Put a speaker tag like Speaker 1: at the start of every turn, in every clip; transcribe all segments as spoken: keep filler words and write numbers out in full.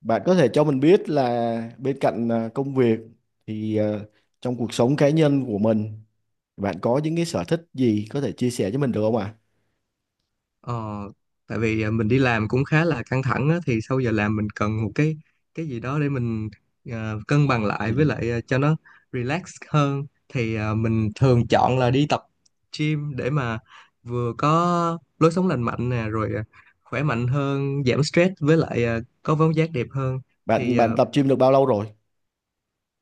Speaker 1: Bạn có thể cho mình biết là bên cạnh à, công việc thì à, trong cuộc sống cá nhân của mình bạn có những cái sở thích gì có thể chia sẻ cho mình được không ạ?
Speaker 2: Ờ, Tại vì à, mình đi làm cũng khá là căng thẳng á, thì sau giờ làm mình cần một cái cái gì đó để mình à, cân bằng lại
Speaker 1: Dạ.
Speaker 2: với lại à, cho nó relax hơn thì à, mình thường chọn là đi tập gym để mà vừa có lối sống lành mạnh nè, rồi à, khỏe mạnh hơn, giảm stress, với lại à, có vóc dáng đẹp hơn.
Speaker 1: Bạn
Speaker 2: Thì à,
Speaker 1: bạn tập gym được bao lâu rồi?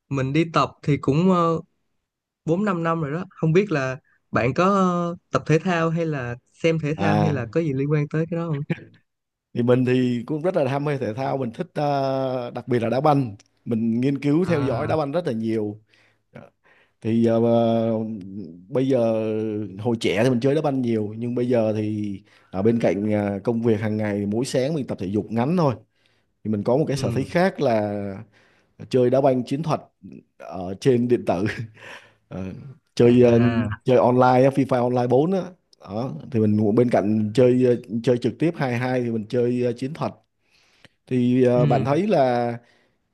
Speaker 2: mình đi tập thì cũng uh, bốn 5 năm rồi đó. Không biết là bạn có ờ, tập thể thao hay là xem thể thao hay
Speaker 1: À,
Speaker 2: là có gì liên quan tới cái đó không?
Speaker 1: thì mình thì cũng rất là ham mê thể thao, mình thích à, đặc biệt là đá banh. Mình nghiên cứu theo dõi đá
Speaker 2: À.
Speaker 1: banh rất là nhiều. Thì à, bây giờ hồi trẻ thì mình chơi đá banh nhiều, nhưng bây giờ thì ở bên cạnh à, công việc hàng ngày mỗi sáng mình tập thể dục ngắn thôi, thì mình có một cái sở thích
Speaker 2: Ừ.
Speaker 1: khác là chơi đá banh chiến thuật ở trên điện tử. Ờ, chơi ờ,
Speaker 2: À.
Speaker 1: chơi online á, FIFA Online bốn á. Đó thì mình cũng bên cạnh chơi ờ, chơi trực tiếp hai hai, thì mình chơi ờ, chiến thuật. Thì ờ, bạn
Speaker 2: Ừ.
Speaker 1: thấy là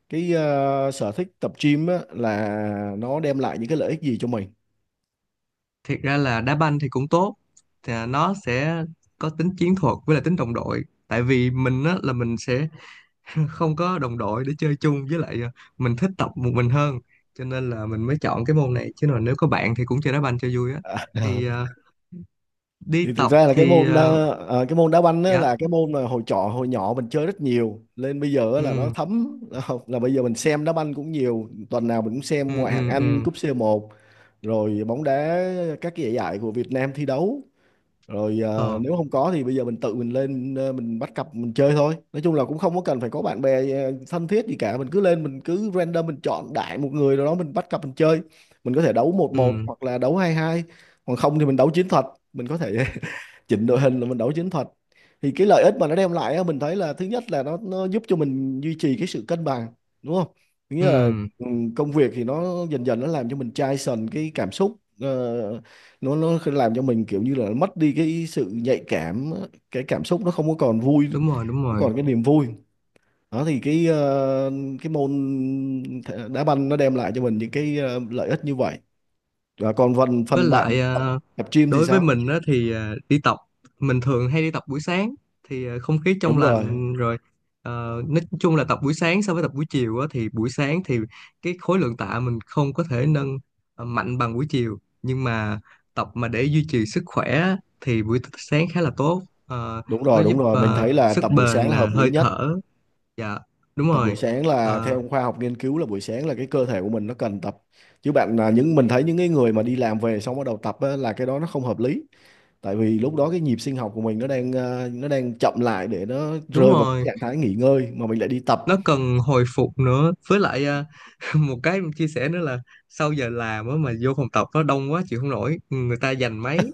Speaker 1: cái ờ, sở thích tập gym á, là nó đem lại những cái lợi ích gì cho mình?
Speaker 2: Thiệt ra là đá banh thì cũng tốt. Thì à, nó sẽ có tính chiến thuật với lại tính đồng đội. Tại vì mình á, là mình sẽ không có đồng đội để chơi chung, với lại à, mình thích tập một mình hơn. Cho nên là mình mới chọn cái môn này. Chứ còn nếu có bạn thì cũng chơi đá banh cho vui á.
Speaker 1: À,
Speaker 2: Thì à,
Speaker 1: thì
Speaker 2: đi
Speaker 1: thực
Speaker 2: tập
Speaker 1: ra là cái
Speaker 2: thì
Speaker 1: môn
Speaker 2: à,
Speaker 1: ờ, ờ, cái môn đá banh á,
Speaker 2: dạ,
Speaker 1: là cái môn mà hồi trọ hồi nhỏ mình chơi rất nhiều, nên bây giờ á là nó
Speaker 2: ừ,
Speaker 1: thấm, là là bây giờ mình xem đá banh cũng nhiều, tuần nào mình cũng xem
Speaker 2: ừ,
Speaker 1: ngoại hạng
Speaker 2: ừ,
Speaker 1: Anh,
Speaker 2: ừm,
Speaker 1: cúp c một, rồi bóng đá các cái giải giải của Việt Nam thi đấu, rồi ờ,
Speaker 2: ờ,
Speaker 1: nếu không có thì bây giờ mình tự mình lên, ờ, mình bắt cặp mình chơi thôi. Nói chung là cũng không có cần phải có bạn bè ờ, thân thiết gì cả, mình cứ lên mình cứ random, mình chọn đại một người rồi đó mình bắt cặp mình chơi. Mình có thể đấu một một
Speaker 2: ừ,
Speaker 1: hoặc là đấu hai hai, còn không thì mình đấu chiến thuật. Mình có thể chỉnh đội hình là mình đấu chiến thuật. Thì cái lợi ích mà nó đem lại á, mình thấy là thứ nhất là nó nó giúp cho mình duy trì cái sự cân bằng, đúng không? Thứ nghĩa là
Speaker 2: ừm,
Speaker 1: ừ, công việc thì nó dần dần nó làm cho mình chai sần cái cảm xúc, ờ, nó nó làm cho mình kiểu như là mất đi cái sự nhạy cảm, cái cảm xúc nó không có còn vui,
Speaker 2: đúng rồi, đúng
Speaker 1: không
Speaker 2: rồi.
Speaker 1: còn cái niềm vui. Đó thì cái ờ, cái môn thể- đá banh nó đem lại cho mình những cái ờ, lợi ích như vậy. Và còn phần
Speaker 2: Với
Speaker 1: phần bạn
Speaker 2: lại
Speaker 1: tập,
Speaker 2: ờ,
Speaker 1: tập gym thì
Speaker 2: đối với
Speaker 1: sao?
Speaker 2: mình á, thì ờ, đi tập, mình thường hay đi tập buổi sáng, thì ờ, không khí trong
Speaker 1: Đúng rồi.
Speaker 2: lành, rồi ờ, nói chung là tập buổi sáng so với tập buổi chiều á, thì buổi sáng thì cái khối lượng tạ mình không có thể nâng ờ, mạnh bằng buổi chiều, nhưng mà tập mà để duy trì sức khỏe á, thì buổi sáng khá là tốt. Ờ,
Speaker 1: Đúng
Speaker 2: nó
Speaker 1: rồi,
Speaker 2: giúp
Speaker 1: đúng rồi. Mình
Speaker 2: ờ,
Speaker 1: thấy là
Speaker 2: sức
Speaker 1: tập buổi sáng
Speaker 2: bền
Speaker 1: là
Speaker 2: nè,
Speaker 1: hợp lý
Speaker 2: hơi
Speaker 1: nhất.
Speaker 2: thở. Dạ. Đúng
Speaker 1: Tập buổi
Speaker 2: rồi.
Speaker 1: sáng là
Speaker 2: Ờ,
Speaker 1: theo khoa học nghiên cứu, là buổi sáng là cái cơ thể của mình nó cần tập. Chứ bạn là những mình thấy những cái người mà đi làm về xong bắt đầu tập á, là cái đó nó không hợp lý. Tại vì lúc đó cái nhịp sinh học của mình nó đang ờ, nó đang chậm lại để nó
Speaker 2: Đúng
Speaker 1: rơi vào cái
Speaker 2: rồi,
Speaker 1: trạng thái nghỉ ngơi, mà mình lại đi tập.
Speaker 2: nó cần hồi phục nữa, với lại à, một cái em chia sẻ nữa là sau giờ làm á mà vô phòng tập nó đông quá, chịu không nổi, người ta giành máy,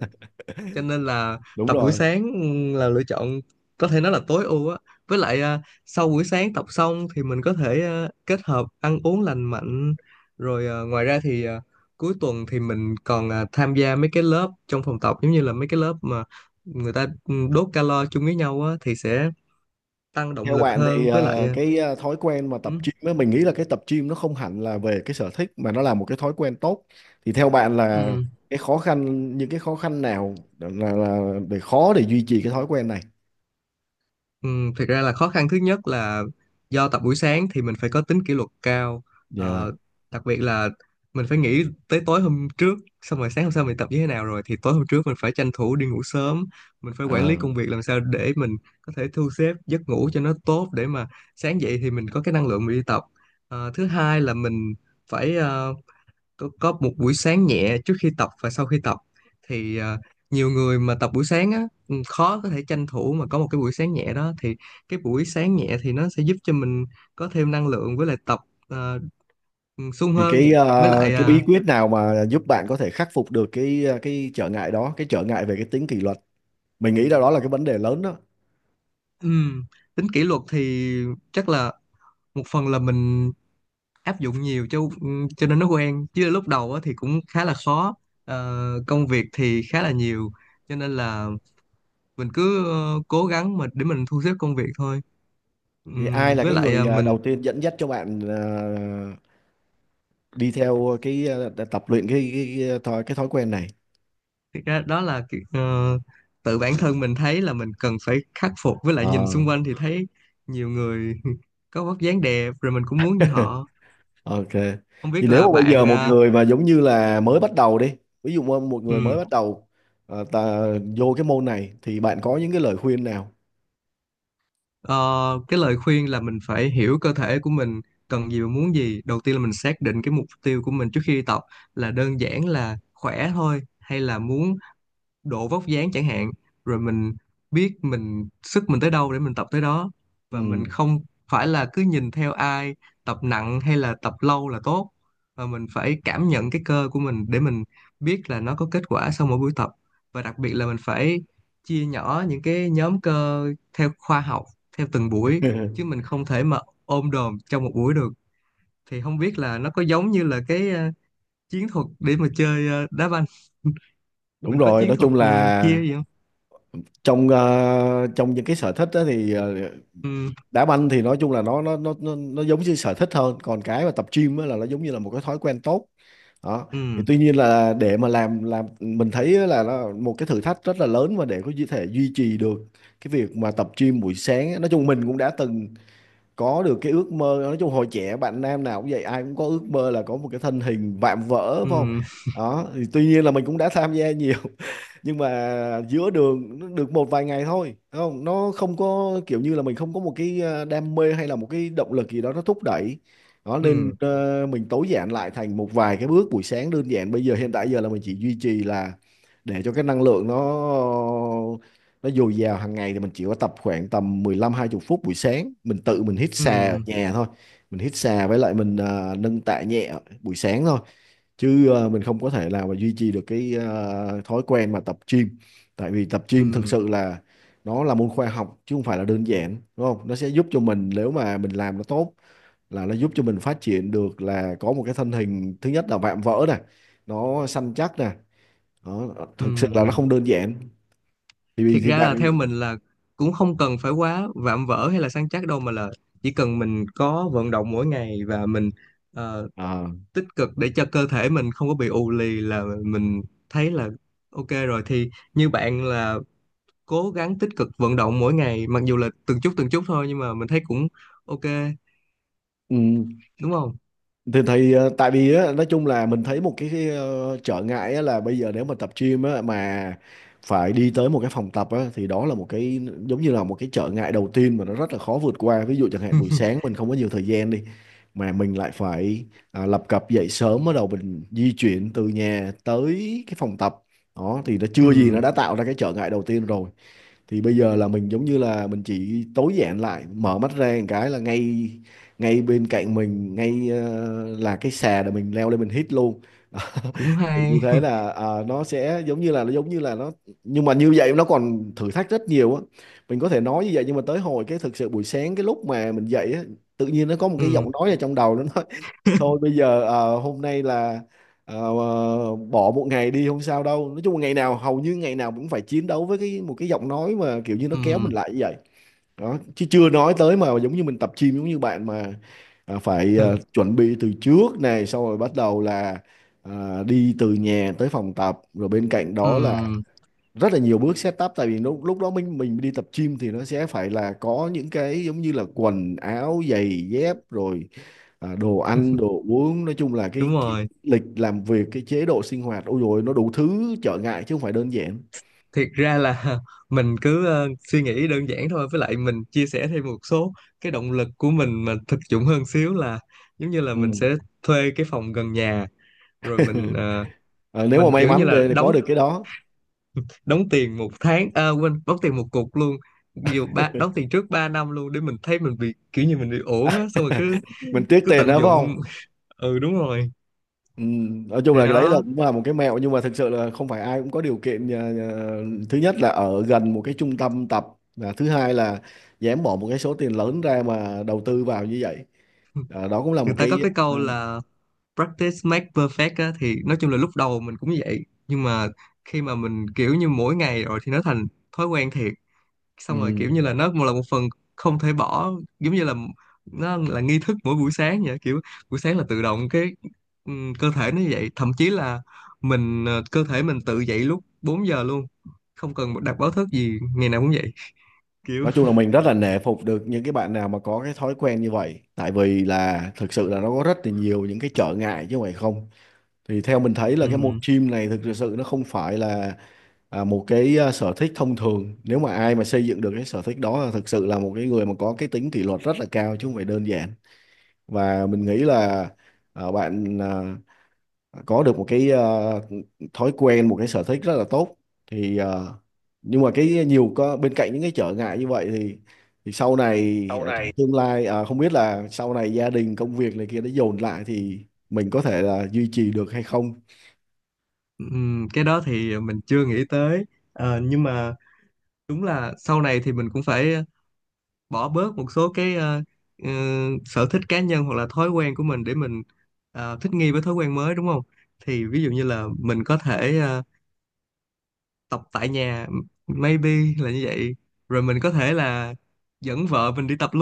Speaker 2: cho nên là
Speaker 1: Đúng
Speaker 2: tập buổi
Speaker 1: rồi.
Speaker 2: sáng là lựa chọn, có thể nói là tối ưu á, với lại à, sau buổi sáng tập xong thì mình có thể à, kết hợp ăn uống lành mạnh, rồi à, ngoài ra thì à, cuối tuần thì mình còn à, tham gia mấy cái lớp trong phòng tập, giống như là mấy cái lớp mà người ta ừ, đốt calo chung với nhau á thì sẽ tăng động
Speaker 1: Theo
Speaker 2: lực
Speaker 1: bạn thì
Speaker 2: hơn, với lại
Speaker 1: ờ,
Speaker 2: à,
Speaker 1: cái ờ, thói quen mà tập
Speaker 2: ừ,
Speaker 1: gym ấy, mình nghĩ là cái tập gym nó không hẳn là về cái sở thích, mà nó là một cái thói quen tốt. Thì theo bạn là
Speaker 2: ừ.
Speaker 1: cái khó khăn, những cái khó khăn nào là, là để khó để duy trì cái thói quen này?
Speaker 2: Ừ, thực ra là khó khăn thứ nhất là do tập buổi sáng thì mình phải có tính kỷ luật cao. Ờ,
Speaker 1: Dạ.
Speaker 2: Đặc biệt là mình phải nghĩ tới tối hôm trước, xong rồi sáng hôm sau mình tập như thế nào, rồi thì tối hôm trước mình phải tranh thủ đi ngủ sớm, mình phải quản
Speaker 1: À.
Speaker 2: lý công việc làm sao để mình có thể thu xếp giấc ngủ cho nó tốt để mà sáng dậy thì mình có cái năng lượng mình đi tập. Ờ, thứ hai là mình phải ờ, có, có một buổi sáng nhẹ trước khi tập và sau khi tập, thì à, nhiều người mà tập buổi sáng á ừ, khó có thể tranh thủ mà có một cái buổi sáng nhẹ đó, thì cái buổi sáng nhẹ thì nó sẽ giúp cho mình có thêm năng lượng với lại tập à, ừ, sung
Speaker 1: Thì
Speaker 2: hơn,
Speaker 1: cái
Speaker 2: với
Speaker 1: ờ,
Speaker 2: lại
Speaker 1: cái
Speaker 2: à,
Speaker 1: bí quyết nào mà giúp bạn có thể khắc phục được cái ờ, cái trở ngại đó, cái trở ngại về cái tính kỷ luật. Mình nghĩ là đó là cái vấn đề lớn đó.
Speaker 2: ừm, tính kỷ luật thì chắc là một phần là mình áp dụng nhiều cho ừ, cho nên nó quen, chứ lúc đầu á, thì cũng khá là khó. Ờ, công việc thì khá là nhiều, cho nên là mình cứ ờ, cố gắng mà để mình thu xếp công việc thôi.
Speaker 1: Thì
Speaker 2: Ừm,
Speaker 1: ai là
Speaker 2: với
Speaker 1: cái
Speaker 2: lại
Speaker 1: người
Speaker 2: à,
Speaker 1: ờ,
Speaker 2: mình
Speaker 1: đầu tiên dẫn dắt cho bạn ờ, đi theo cái ờ, tập luyện cái cái cái, cái thói cái thói quen này?
Speaker 2: thực ra đó là cái- ờ, tự bản thân mình thấy là mình cần phải khắc phục, với lại nhìn
Speaker 1: Ờ.
Speaker 2: xung quanh thì thấy nhiều người có vóc dáng đẹp rồi mình cũng muốn như họ.
Speaker 1: Ok.
Speaker 2: Không
Speaker 1: Thì
Speaker 2: biết
Speaker 1: nếu
Speaker 2: là
Speaker 1: mà bây giờ
Speaker 2: bạn
Speaker 1: một
Speaker 2: à,
Speaker 1: người mà giống như là mới bắt đầu đi, ví dụ mà một người mới
Speaker 2: ừm,
Speaker 1: bắt đầu ờ, ta vô cái môn này thì bạn có những cái lời khuyên nào?
Speaker 2: ờ, cái lời khuyên là mình phải hiểu cơ thể của mình cần gì và muốn gì. Đầu tiên là mình xác định cái mục tiêu của mình trước khi đi tập, là đơn giản là khỏe thôi hay là muốn độ vóc dáng chẳng hạn. Rồi mình biết mình sức mình tới đâu để mình tập tới đó, và mình
Speaker 1: Ừ.
Speaker 2: không phải là cứ nhìn theo ai tập nặng hay là tập lâu là tốt. Và mình phải cảm nhận cái cơ của mình để mình biết là nó có kết quả sau mỗi buổi tập. Và đặc biệt là mình phải chia nhỏ những cái nhóm cơ theo khoa học, theo từng buổi, chứ mình không thể mà ôm đồm trong một buổi được. Thì không biết là nó có giống như là cái ờ, chiến thuật để mà chơi ờ, đá banh,
Speaker 1: Đúng
Speaker 2: mình có
Speaker 1: rồi,
Speaker 2: chiến
Speaker 1: nói
Speaker 2: thuật
Speaker 1: chung
Speaker 2: ừ,
Speaker 1: là
Speaker 2: kia gì không.
Speaker 1: trong ờ, trong những cái sở thích đó thì, ờ,
Speaker 2: Ừm.
Speaker 1: đá banh thì nói chung là nó nó nó nó nó giống như sở thích hơn, còn cái mà tập gym á là nó giống như là một cái thói quen tốt. Đó thì
Speaker 2: Ừm.
Speaker 1: tuy nhiên là để mà làm làm mình thấy là nó một cái thử thách rất là lớn, và để có thể duy trì được cái việc mà tập gym buổi sáng á. Nói chung mình cũng đã từng có được cái ước mơ, nói chung hồi trẻ bạn nam nào cũng vậy, ai cũng có ước mơ là có một cái thân hình vạm vỡ phải không.
Speaker 2: Ừm.
Speaker 1: Đó thì tuy nhiên là mình cũng đã tham gia nhiều, nhưng mà giữa đường nó được một vài ngày thôi đúng không, nó không có kiểu như là mình không có một cái ờ, đam mê hay là một cái động lực gì đó nó thúc đẩy. Đó nên
Speaker 2: Ừm.
Speaker 1: ờ, mình tối giản lại thành một vài cái bước buổi sáng đơn giản, bây giờ hiện tại giờ là mình chỉ duy trì, là để cho cái năng lượng nó nó dồi dào hàng ngày, thì mình chỉ có tập khoảng tầm mười lăm hai mươi phút buổi sáng, mình tự mình hít xà ở
Speaker 2: Ừm.
Speaker 1: nhà thôi. Mình hít xà với lại mình ờ, nâng tạ nhẹ buổi sáng thôi, chứ ờ, mình không có thể nào mà duy trì được cái ờ, thói quen mà tập gym. Tại vì tập gym thực
Speaker 2: Ừm.
Speaker 1: sự là nó là môn khoa học chứ không phải là đơn giản, đúng không, nó sẽ giúp cho mình nếu mà mình làm nó tốt, là nó giúp cho mình phát triển được, là có một cái thân hình thứ nhất là vạm vỡ này, nó săn chắc nè. Đó, thực sự là nó
Speaker 2: Ừm.
Speaker 1: không đơn giản. thì
Speaker 2: Thiệt
Speaker 1: thì
Speaker 2: ra là
Speaker 1: bạn
Speaker 2: theo mình là cũng không cần phải quá vạm vỡ hay là săn chắc đâu, mà là chỉ cần mình có vận động mỗi ngày và mình ờ,
Speaker 1: à,
Speaker 2: tích cực để cho cơ thể mình không có bị ù lì, là mình thấy là ok rồi. Thì như bạn là cố gắng tích cực vận động mỗi ngày, mặc dù là từng chút từng chút thôi nhưng mà mình thấy cũng ok,
Speaker 1: ừ.
Speaker 2: đúng không?
Speaker 1: thì, thì ờ, tại vì á, nói chung là mình thấy một cái, cái ờ, trở ngại á, là bây giờ nếu mà tập gym á, mà phải đi tới một cái phòng tập á, thì đó là một cái giống như là một cái trở ngại đầu tiên mà nó rất là khó vượt qua. Ví dụ chẳng hạn buổi sáng mình không có nhiều thời gian đi mà mình lại phải à, lập cập dậy sớm, bắt đầu mình di chuyển từ nhà tới cái phòng tập, đó thì nó chưa gì nó
Speaker 2: Ừm,
Speaker 1: đã tạo ra cái trở ngại đầu tiên rồi. Thì bây giờ là mình giống như là mình chỉ tối giản lại, mở mắt ra một cái là ngay ngay bên cạnh mình, ngay ờ, là cái xà để mình leo lên mình hít luôn.
Speaker 2: cũng
Speaker 1: Thì như
Speaker 2: hay.
Speaker 1: thế là ờ, nó sẽ giống như là nó giống như là nó, nhưng mà như vậy nó còn thử thách rất nhiều á. Mình có thể nói như vậy, nhưng mà tới hồi cái thực sự buổi sáng cái lúc mà mình dậy á, tự nhiên nó có một cái giọng
Speaker 2: Ừm.
Speaker 1: nói ở trong đầu, nó nói thôi bây giờ ờ, hôm nay là ờ, bỏ một ngày đi không sao đâu. Nói chung là ngày nào hầu như ngày nào cũng phải chiến đấu với cái một cái giọng nói mà kiểu như nó kéo mình
Speaker 2: Ừm.
Speaker 1: lại như vậy. Đó chứ chưa nói tới mà giống như mình tập gym giống như bạn mà à, phải à,
Speaker 2: Ừ.
Speaker 1: chuẩn bị từ trước này, xong rồi bắt đầu là à, đi từ nhà tới phòng tập. Rồi bên cạnh đó là
Speaker 2: Ừm.
Speaker 1: rất là nhiều bước setup, tại vì lúc lúc đó mình mình đi tập gym thì nó sẽ phải là có những cái giống như là quần áo giày dép, rồi à, đồ ăn đồ uống. Nói chung là
Speaker 2: Đúng
Speaker 1: cái, cái
Speaker 2: rồi.
Speaker 1: lịch làm việc, cái chế độ sinh hoạt, ôi rồi nó đủ thứ trở ngại chứ không phải đơn giản.
Speaker 2: Thiệt ra là mình cứ ờ, suy nghĩ đơn giản thôi, với lại mình chia sẻ thêm một số cái động lực của mình mà thực dụng hơn xíu, là giống như là
Speaker 1: Ừ.
Speaker 2: mình sẽ thuê cái phòng gần nhà, rồi mình ờ,
Speaker 1: Ờ, nếu mà
Speaker 2: mình
Speaker 1: may
Speaker 2: kiểu như
Speaker 1: mắn
Speaker 2: là
Speaker 1: để để có
Speaker 2: đóng
Speaker 1: được cái đó.
Speaker 2: đóng tiền một tháng, à quên, đóng tiền một cục luôn, dù ba đóng tiền trước ba năm luôn, để mình thấy mình bị kiểu như mình bị ổn á, xong rồi cứ
Speaker 1: Mình tiếc
Speaker 2: cứ
Speaker 1: tiền
Speaker 2: tận
Speaker 1: đó phải không.
Speaker 2: dụng ừ, đúng rồi.
Speaker 1: Ừ, nói chung
Speaker 2: Thì
Speaker 1: là cái đấy là
Speaker 2: đó.
Speaker 1: cũng là một cái mẹo, nhưng mà thực sự là không phải ai cũng có điều kiện. À, à, thứ nhất là ở gần một cái trung tâm tập, và thứ hai là dám bỏ một cái số tiền lớn ra mà đầu tư vào như vậy. À, đó cũng là một
Speaker 2: Người ta
Speaker 1: cái.
Speaker 2: có cái
Speaker 1: à,
Speaker 2: câu là practice make perfect á, thì nói chung là lúc đầu mình cũng vậy, nhưng mà khi mà mình kiểu như mỗi ngày rồi thì nó thành thói quen thiệt,
Speaker 1: ừ.
Speaker 2: xong rồi kiểu như là nó một là một phần không thể bỏ, giống như là nó là nghi thức mỗi buổi sáng vậy kiểu. Buổi sáng là tự động cái ừm, cơ thể nó như vậy, thậm chí là mình ờ, cơ thể mình tự dậy lúc bốn giờ luôn, không cần đặt báo thức gì, ngày nào cũng vậy kiểu.
Speaker 1: Nói chung là mình rất là nể phục được những cái bạn nào mà có cái thói quen như vậy, tại vì là thực sự là nó có rất là nhiều những cái trở ngại chứ không phải không. Thì theo mình thấy là cái môn
Speaker 2: Ừm.
Speaker 1: gym này thực sự nó không phải là à, một cái à, sở thích thông thường. Nếu mà ai mà xây dựng được cái sở thích đó là thực sự là một cái người mà có cái tính kỷ luật rất là cao chứ không phải đơn giản. Và mình nghĩ là à, bạn à, có được một cái à, thói quen, một cái sở thích rất là tốt, thì à, nhưng mà cái nhiều có bên cạnh những cái trở ngại như vậy, thì thì sau này à, trong tương lai à, không biết là sau này gia đình công việc này kia nó dồn lại thì mình có thể là duy trì được hay không.
Speaker 2: Ừm. Cái đó thì mình chưa nghĩ tới. Ờ, nhưng mà đúng là sau này thì mình cũng phải ờ, bỏ bớt một số cái ờ, ừ, sở thích cá nhân hoặc là thói quen của mình để mình ờ, thích nghi với thói quen mới, đúng không? Thì ví dụ như là mình có thể ờ, tập tại nhà, maybe là như vậy, rồi mình có thể là dẫn vợ mình đi tập luôn.